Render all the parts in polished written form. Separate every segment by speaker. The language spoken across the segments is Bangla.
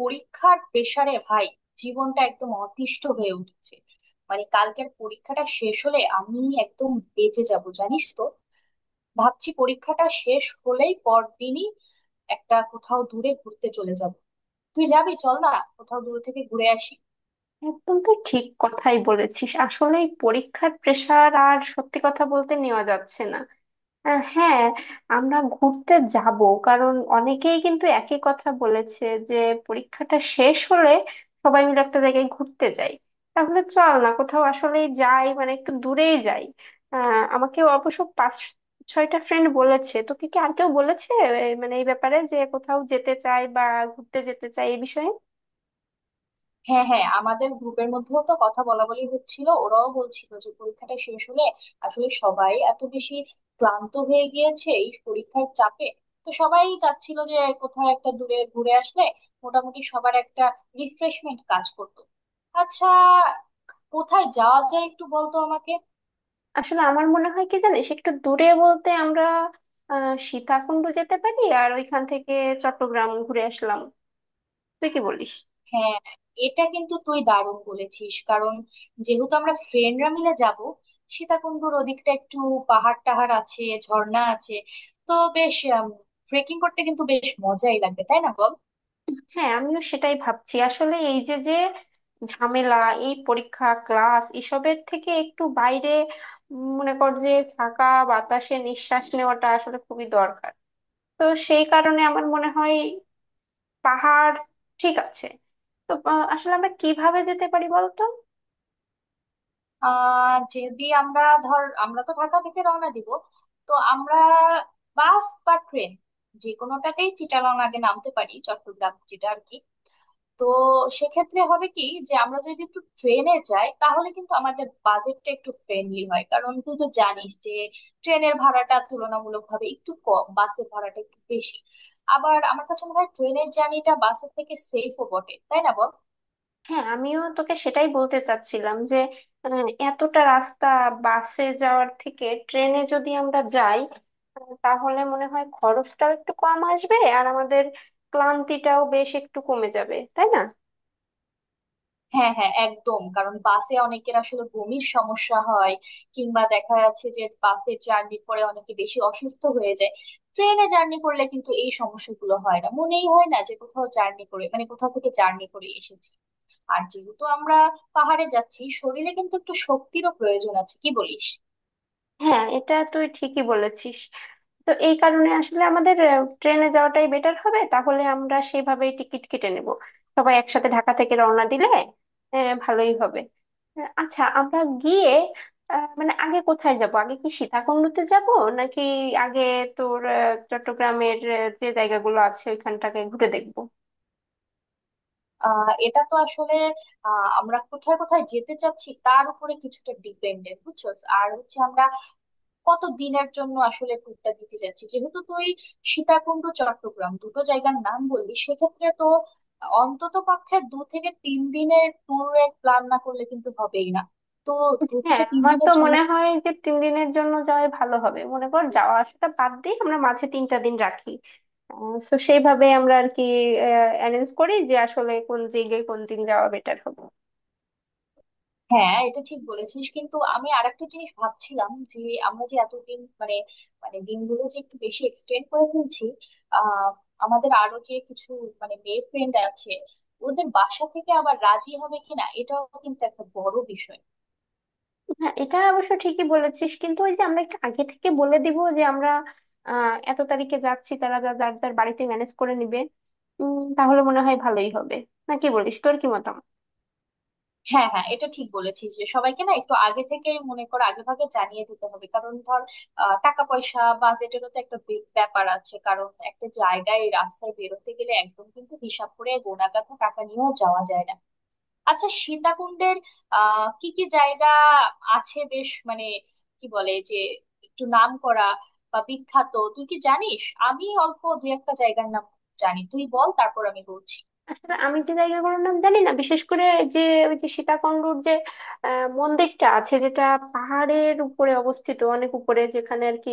Speaker 1: পরীক্ষার প্রেসারে ভাই জীবনটা একদম অতিষ্ঠ হয়ে উঠেছে। মানে কালকের পরীক্ষাটা শেষ হলে আমি একদম বেঁচে যাব জানিস তো। ভাবছি পরীক্ষাটা শেষ হলেই পরদিনই একটা কোথাও দূরে ঘুরতে চলে যাব। তুই যাবি চল না, কোথাও দূর থেকে ঘুরে আসি।
Speaker 2: একদম তুই ঠিক কথাই বলেছিস। আসলে এই পরীক্ষার প্রেশার আর সত্যি কথা বলতে নেওয়া যাচ্ছে না। হ্যাঁ, আমরা ঘুরতে যাব, কারণ অনেকেই কিন্তু একই কথা বলেছে যে পরীক্ষাটা শেষ হলে সবাই মিলে একটা জায়গায় ঘুরতে যাই। তাহলে চল না কোথাও, আসলে যাই, মানে একটু দূরেই যাই। আমাকে অবশ্য পাঁচ ছয়টা ফ্রেন্ড বলেছে, তোকে কি আর কেউ বলেছে মানে এই ব্যাপারে, যে কোথাও যেতে চাই বা ঘুরতে যেতে চাই, এই বিষয়ে?
Speaker 1: হ্যাঁ হ্যাঁ, আমাদের গ্রুপের মধ্যেও তো কথা বলা বলি হচ্ছিল, ওরাও বলছিল যে পরীক্ষাটা শেষ হলে আসলে সবাই এত বেশি ক্লান্ত হয়ে গিয়েছে এই পরীক্ষার চাপে। তো সবাই চাচ্ছিল যে কোথাও একটা দূরে ঘুরে আসলে মোটামুটি সবার একটা রিফ্রেশমেন্ট কাজ করতো। আচ্ছা, কোথায় যাওয়া যায় একটু বলতো আমাকে।
Speaker 2: আসলে আমার মনে হয় কি জানিস, একটু দূরে বলতে আমরা সীতাকুণ্ড যেতে পারি, আর ওইখান থেকে চট্টগ্রাম ঘুরে আসলাম। তুই কি বলিস?
Speaker 1: হ্যাঁ, এটা কিন্তু তুই দারুণ বলেছিস। কারণ যেহেতু আমরা ফ্রেন্ডরা মিলে যাব, সীতাকুণ্ডুর ওদিকটা একটু পাহাড় টাহাড় আছে, ঝর্ণা আছে, তো বেশ ট্রেকিং করতে কিন্তু বেশ মজাই লাগবে, তাই না বল।
Speaker 2: হ্যাঁ, আমিও সেটাই ভাবছি। আসলে এই যে যে ঝামেলা, এই পরীক্ষা ক্লাস এসবের থেকে একটু বাইরে, মনে কর যে ফাঁকা বাতাসে নিঃশ্বাস নেওয়াটা আসলে খুবই দরকার। তো সেই কারণে আমার মনে হয় পাহাড় ঠিক আছে। তো আসলে আমরা কিভাবে যেতে পারি বলতো?
Speaker 1: যদি আমরা, ধর আমরা তো ঢাকা থেকে রওনা দিব, তো আমরা বাস বা ট্রেন যে কোনোটাতেই চিটাগং আগে নামতে পারি, চট্টগ্রাম যেটা আর কি। তো সেক্ষেত্রে হবে কি, যে আমরা যদি একটু ট্রেনে যাই তাহলে কিন্তু আমাদের বাজেটটা একটু ফ্রেন্ডলি হয়। কারণ তুই তো জানিস যে ট্রেনের ভাড়াটা তুলনামূলকভাবে একটু কম, বাসের ভাড়াটা একটু বেশি। আবার আমার কাছে মনে হয় ট্রেনের জার্নিটা বাসের থেকে সেফও বটে, তাই না বল।
Speaker 2: হ্যাঁ, আমিও তোকে সেটাই বলতে চাচ্ছিলাম, যে এতটা রাস্তা বাসে যাওয়ার থেকে ট্রেনে যদি আমরা যাই, তাহলে মনে হয় খরচটাও একটু কম আসবে, আর আমাদের ক্লান্তিটাও বেশ একটু কমে যাবে, তাই না?
Speaker 1: হ্যাঁ হ্যাঁ একদম। কারণ বাসে অনেকের আসলে বমির সমস্যা হয়, কিংবা দেখা যাচ্ছে যে বাসের জার্নি পরে অনেকে বেশি অসুস্থ হয়ে যায়। ট্রেনে জার্নি করলে কিন্তু এই সমস্যাগুলো হয় না, মনেই হয় না যে কোথাও জার্নি করে, মানে কোথাও থেকে জার্নি করে এসেছি। আর যেহেতু আমরা পাহাড়ে যাচ্ছি, শরীরে কিন্তু একটু শক্তিরও প্রয়োজন আছে, কি বলিস।
Speaker 2: হ্যাঁ, এটা তুই ঠিকই বলেছিস। তো এই কারণে আসলে আমাদের ট্রেনে যাওয়াটাই বেটার হবে। তাহলে আমরা সেভাবেই টিকিট কেটে নেব। সবাই একসাথে ঢাকা থেকে রওনা দিলে ভালোই হবে। আচ্ছা, আমরা গিয়ে, মানে আগে কোথায় যাব? আগে কি সীতাকুণ্ডতে যাব, নাকি আগে তোর চট্টগ্রামের যে জায়গাগুলো আছে ওইখানটাকে ঘুরে দেখবো?
Speaker 1: এটা তো আসলে আমরা কোথায় কোথায় যেতে চাচ্ছি তার উপরে কিছুটা ডিপেন্ডেন্ট, বুঝছস। আর হচ্ছে আমরা কত দিনের জন্য আসলে ট্যুরটা দিতে যাচ্ছি। যেহেতু তুই সীতাকুণ্ড চট্টগ্রাম দুটো জায়গার নাম বললি, সেক্ষেত্রে তো অন্তত পক্ষে দু থেকে তিন দিনের ট্যুরের প্ল্যান না করলে কিন্তু হবেই না। তো দু
Speaker 2: হ্যাঁ,
Speaker 1: থেকে তিন
Speaker 2: আমার তো
Speaker 1: দিনের জন্য।
Speaker 2: মনে হয় যে 3 দিনের জন্য যাওয়াই ভালো হবে। মনে কর, যাওয়া আসাটা বাদ দিয়ে আমরা মাঝে 3টা দিন রাখি। তো সেইভাবে আমরা আর কি অ্যারেঞ্জ করি যে আসলে কোন দিকে কোন দিন যাওয়া বেটার হবে।
Speaker 1: হ্যাঁ, এটা ঠিক বলেছিস, কিন্তু আমি আরেকটা জিনিস ভাবছিলাম যে আমরা যে এতদিন মানে মানে দিনগুলো যে একটু বেশি এক্সটেন্ড করে ফেলছি। আহ আমাদের আরো যে কিছু মানে মেয়ে ফ্রেন্ড আছে, ওদের বাসা থেকে আবার রাজি হবে কিনা, এটাও কিন্তু একটা বড় বিষয়।
Speaker 2: হ্যাঁ, এটা অবশ্য ঠিকই বলেছিস, কিন্তু ওই যে আমরা একটু আগে থেকে বলে দিব যে আমরা এত তারিখে যাচ্ছি, তারা যা যার যার বাড়িতে ম্যানেজ করে নিবে। তাহলে মনে হয় ভালোই হবে, না কি বলিস? তোর কি মতামত?
Speaker 1: হ্যাঁ হ্যাঁ, এটা ঠিক বলেছিস যে সবাইকে না একটু আগে থেকে, মনে কর আগে ভাগে জানিয়ে দিতে হবে। কারণ ধর, টাকা পয়সা বাজেটেরও তো একটা ব্যাপার আছে। কারণ একটা জায়গায় রাস্তায় বেরোতে গেলে একদম কিন্তু হিসাব করে গোনা কাটা টাকা নিয়েও যাওয়া যায় না। আচ্ছা, সীতাকুণ্ডের কি কি জায়গা আছে বেশ মানে কি বলে যে একটু নাম করা বা বিখ্যাত, তুই কি জানিস? আমি অল্প দুই একটা জায়গার নাম জানি, তুই বল তারপর আমি বলছি।
Speaker 2: আসলে আমি যে জায়গাগুলোর নাম জানি না, বিশেষ করে, যে ওই যে সীতাকুণ্ডুর যে মন্দিরটা আছে যেটা পাহাড়ের উপরে অবস্থিত, অনেক উপরে, যেখানে আর কি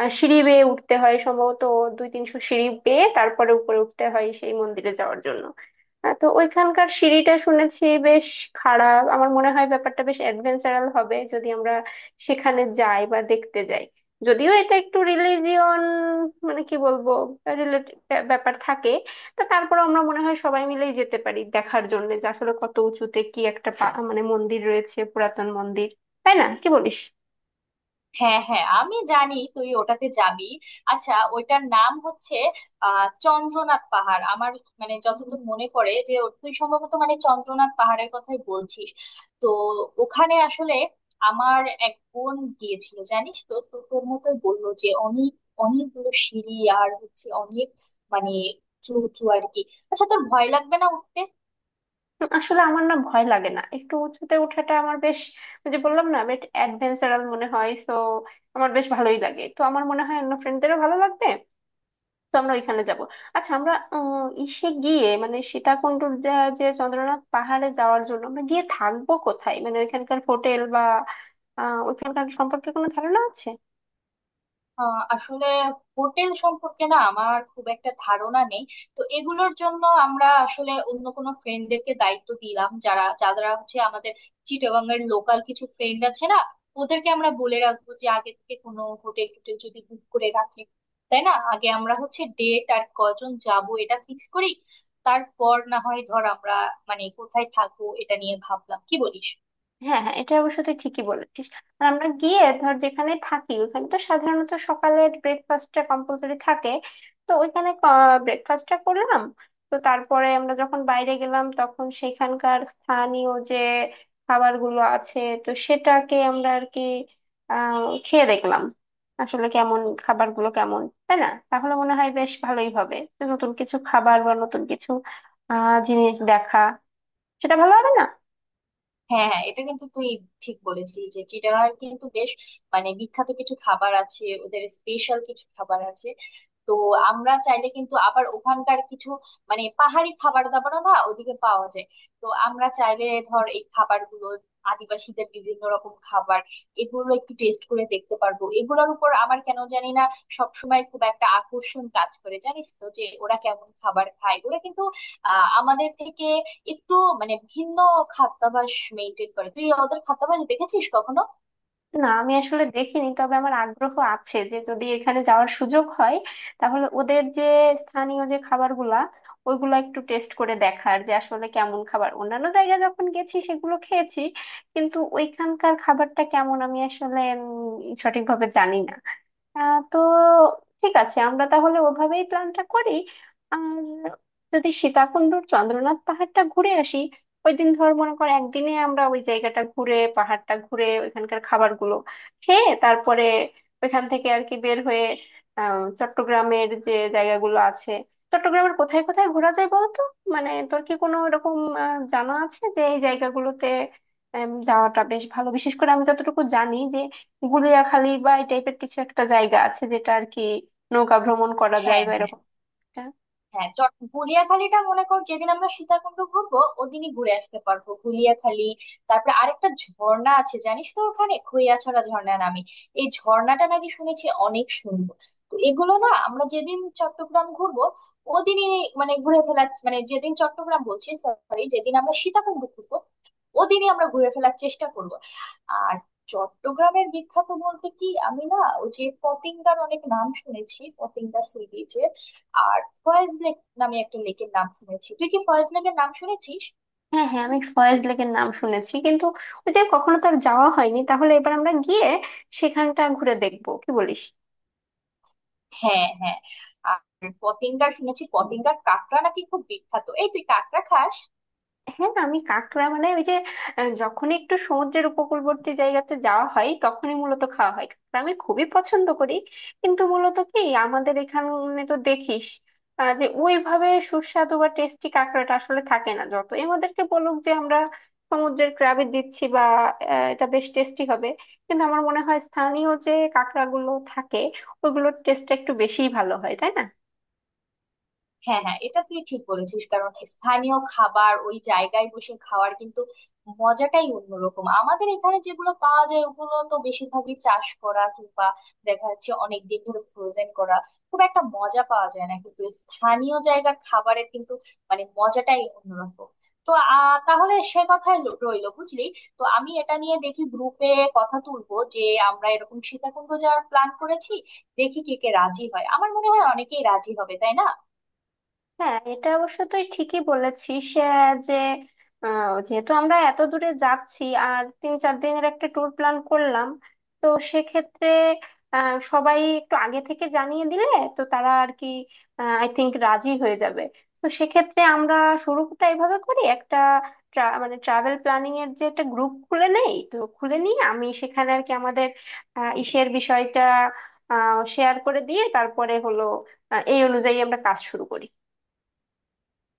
Speaker 2: সিঁড়ি বেয়ে উঠতে হয়, সম্ভবত দুই তিনশো সিঁড়ি বেয়ে তারপরে উপরে উঠতে হয় সেই মন্দিরে যাওয়ার জন্য। তো ওইখানকার সিঁড়িটা শুনেছি বেশ খারাপ। আমার মনে হয় ব্যাপারটা বেশ অ্যাডভেঞ্চারাল হবে যদি আমরা সেখানে যাই বা দেখতে যাই। যদিও এটা একটু রিলিজিয়ন, মানে কি বলবো, রিলেটেড ব্যাপার থাকে। তা তারপর আমরা মনে হয় সবাই মিলেই যেতে পারি দেখার জন্য, যে আসলে কত উঁচুতে কি একটা মানে মন্দির রয়েছে, পুরাতন মন্দির। তাই না? কি বলিস?
Speaker 1: হ্যাঁ হ্যাঁ, আমি জানি তুই ওটাতে যাবি। আচ্ছা, ওইটার নাম হচ্ছে চন্দ্রনাথ পাহাড়। আমার মানে যতদূর মনে পড়ে যে তুই সম্ভবত মানে চন্দ্রনাথ পাহাড়ের কথাই বলছিস। তো ওখানে আসলে আমার এক বোন গিয়েছিল জানিস তো, তো তোর মতোই বললো যে অনেক, অনেকগুলো সিঁড়ি, আর হচ্ছে অনেক মানে উঁচু উঁচু আর কি। আচ্ছা তোর ভয় লাগবে না উঠতে?
Speaker 2: আসলে আমার না ভয় লাগে না। একটু উঁচুতে ওঠাটা আমার বেশ, ওই যে বললাম না, বেশ অ্যাডভেঞ্চারাল মনে হয় তো। আমার বেশ ভালোই লাগে। তো আমার মনে হয় অন্য ফ্রেন্ডদেরও ভালো লাগবে। তো আমরা ওইখানে যাব। আচ্ছা, আমরা ইসে গিয়ে, মানে সীতাকুণ্ডুর যে যে চন্দ্রনাথ পাহাড়ে যাওয়ার জন্য আমরা গিয়ে থাকবো কোথায়? মানে ওইখানকার হোটেল বা ওইখানকার সম্পর্কে কোনো ধারণা আছে?
Speaker 1: আসলে হোটেল সম্পর্কে না আমার খুব একটা ধারণা নেই। তো এগুলোর জন্য আমরা আসলে অন্য কোনো ফ্রেন্ডদেরকে দায়িত্ব দিলাম, যারা যারা হচ্ছে আমাদের চিটাগাং এর লোকাল কিছু ফ্রেন্ড আছে না, ওদেরকে আমরা বলে রাখবো যে আগে থেকে কোনো হোটেল টোটেল যদি বুক করে রাখে। তাই না, আগে আমরা হচ্ছে ডেট আর কজন যাব এটা ফিক্স করি, তারপর না হয় ধর আমরা মানে কোথায় থাকবো এটা নিয়ে ভাবলাম, কি বলিস।
Speaker 2: হ্যাঁ, হ্যাঁ, এটা অবশ্য তুই ঠিকই বলেছিস। আর আমরা গিয়ে ধর যেখানে থাকি, ওখানে তো সাধারণত সকালের ব্রেকফাস্টটা কম্পালসরি থাকে। তো ওইখানে ব্রেকফাস্টটা করলাম। তো তারপরে আমরা যখন বাইরে গেলাম, তখন সেখানকার স্থানীয় যে খাবারগুলো আছে, তো সেটাকে আমরা আর কি আহ খেয়ে দেখলাম আসলে কেমন, খাবারগুলো কেমন, তাই না? তাহলে মনে হয় বেশ ভালোই হবে। তো নতুন কিছু খাবার বা নতুন কিছু জিনিস দেখা, সেটা ভালো হবে না?
Speaker 1: হ্যাঁ হ্যাঁ, এটা কিন্তু তুই ঠিক বলেছিস যে চিটাগাং কিন্তু বেশ মানে বিখ্যাত কিছু খাবার আছে, ওদের স্পেশাল কিছু খাবার আছে। তো আমরা চাইলে কিন্তু আবার ওখানকার কিছু মানে পাহাড়ি খাবার দাবারও না ওদিকে পাওয়া যায়। তো আমরা চাইলে ধর এই খাবারগুলো, আদিবাসীদের বিভিন্ন রকম খাবার, এগুলো একটু টেস্ট করে দেখতে পারবো। এগুলোর উপর আমার কেন জানি না সবসময় খুব একটা আকর্ষণ কাজ করে জানিস তো, যে ওরা কেমন খাবার খায়। ওরা কিন্তু আমাদের থেকে একটু মানে ভিন্ন খাদ্যাভ্যাস মেনটেন করে। তুই ওদের খাদ্যাভ্যাস দেখেছিস কখনো?
Speaker 2: না, আমি আসলে দেখিনি, তবে আমার আগ্রহ আছে যে যদি এখানে যাওয়ার সুযোগ হয় তাহলে ওদের যে স্থানীয় যে খাবারগুলা, ওইগুলো একটু টেস্ট করে দেখার, যে আসলে কেমন খাবার। অন্যান্য জায়গায় যখন গেছি সেগুলো খেয়েছি, কিন্তু ওইখানকার খাবারটা কেমন আমি আসলে সঠিকভাবে জানি না। তো ঠিক আছে, আমরা তাহলে ওভাবেই প্ল্যানটা করি। আর যদি সীতাকুণ্ডুর চন্দ্রনাথ পাহাড়টা ঘুরে আসি, ওই দিন, ধর মনে কর, একদিনে আমরা ওই জায়গাটা ঘুরে, পাহাড়টা ঘুরে, ওইখানকার খাবারগুলো খেয়ে, তারপরে ওইখান থেকে আর কি বের হয়ে চট্টগ্রামের যে জায়গাগুলো আছে। চট্টগ্রামের কোথায় কোথায় ঘোরা যায় বলতো? মানে তোর কি কোনো এরকম জানা আছে যে এই জায়গাগুলোতে যাওয়াটা বেশ ভালো? বিশেষ করে আমি যতটুকু জানি, গুলিয়াখালী বা এই টাইপের কিছু একটা জায়গা আছে যেটা আর কি নৌকা ভ্রমণ করা যায়
Speaker 1: হ্যাঁ
Speaker 2: বা এরকম একটা।
Speaker 1: হ্যাঁ, গুলিয়াখালীটা মনে কর যেদিন আমরা সীতাকুণ্ড ঘুরবো ওদিনই ঘুরে আসতে পারবো গুলিয়াখালী। তারপরে আরেকটা ঝর্ণা আছে জানিস তো ওখানে, খৈয়াছড়া ঝর্ণা নামে। এই ঝর্ণাটা নাকি শুনেছি অনেক সুন্দর। তো এগুলো না আমরা যেদিন চট্টগ্রাম ঘুরবো ওদিনই মানে ঘুরে ফেলা, মানে যেদিন চট্টগ্রাম বলছি, সরি যেদিন আমরা সীতাকুণ্ড ঘুরবো ওদিনই আমরা ঘুরে ফেলার চেষ্টা করব। আর চট্টগ্রামের বিখ্যাত বলতে কি, আমি না ওই যে পতেঙ্গার অনেক নাম শুনেছি, পতেঙ্গা সি বিচের। আর ফয়েজ লেক নামে একটা লেকের নাম শুনেছি, তুই কি ফয়েজ লেকের নাম শুনেছিস?
Speaker 2: হ্যাঁ, হ্যাঁ, আমি ফয়েজ লেকের নাম শুনেছি, কিন্তু ওই যে কখনো তো আর যাওয়া হয়নি। তাহলে এবার আমরা গিয়ে সেখানটা ঘুরে দেখবো, কি বলিস?
Speaker 1: হ্যাঁ হ্যাঁ। আর পতেঙ্গার শুনেছি পতেঙ্গার কাঁকড়া নাকি খুব বিখ্যাত, এই তুই কাঁকড়া খাস?
Speaker 2: হ্যাঁ, আমি কাঁকড়া, মানে ওই যে, যখনই একটু সমুদ্রের উপকূলবর্তী জায়গাতে যাওয়া হয় তখনই মূলত খাওয়া হয় কাঁকড়া, আমি খুবই পছন্দ করি। কিন্তু মূলত কি, আমাদের এখানে তো দেখিস, যে ওইভাবে সুস্বাদু বা টেস্টি কাঁকড়াটা আসলে থাকে না। যতই আমাদেরকে বলুক যে আমরা সমুদ্রের ক্র্যাবে দিচ্ছি, বা এটা বেশ টেস্টি হবে, কিন্তু আমার মনে হয় স্থানীয় যে কাঁকড়াগুলো থাকে ওইগুলোর টেস্টটা একটু বেশিই ভালো হয়, তাই না?
Speaker 1: হ্যাঁ হ্যাঁ, এটা তুই ঠিক বলেছিস। কারণ স্থানীয় খাবার ওই জায়গায় বসে খাওয়ার কিন্তু মজাটাই অন্যরকম। আমাদের এখানে যেগুলো পাওয়া যায় ওগুলো তো বেশিরভাগই চাষ করা, কিংবা দেখা যাচ্ছে অনেক দিন ধরে ফ্রোজেন করা, খুব একটা মজা পাওয়া যায় না। কিন্তু স্থানীয় জায়গার খাবারের কিন্তু মানে মজাটাই অন্যরকম। তো তাহলে সে কথাই রইলো বুঝলি। তো আমি এটা নিয়ে দেখি গ্রুপে কথা তুলবো যে আমরা এরকম সীতাকুণ্ড যাওয়ার প্ল্যান করেছি, দেখি কে কে রাজি হয়, আমার মনে হয় অনেকেই রাজি হবে, তাই না।
Speaker 2: হ্যাঁ, এটা অবশ্য তুই ঠিকই বলেছিস। যে যেহেতু আমরা এত দূরে যাচ্ছি, আর তিন চার দিনের একটা ট্যুর প্ল্যান করলাম, তো সেক্ষেত্রে সবাই একটু আগে থেকে জানিয়ে দিলে তো তারা আর কি আই থিংক রাজি হয়ে যাবে। তো সেক্ষেত্রে আমরা শুরুটা এইভাবে করি। একটা মানে ট্রাভেল প্ল্যানিং এর যে একটা গ্রুপ খুলে নেই, তো খুলে নিয়ে আমি সেখানে আর কি আমাদের ইসের বিষয়টা শেয়ার করে দিয়ে, তারপরে হলো এই অনুযায়ী আমরা কাজ শুরু করি।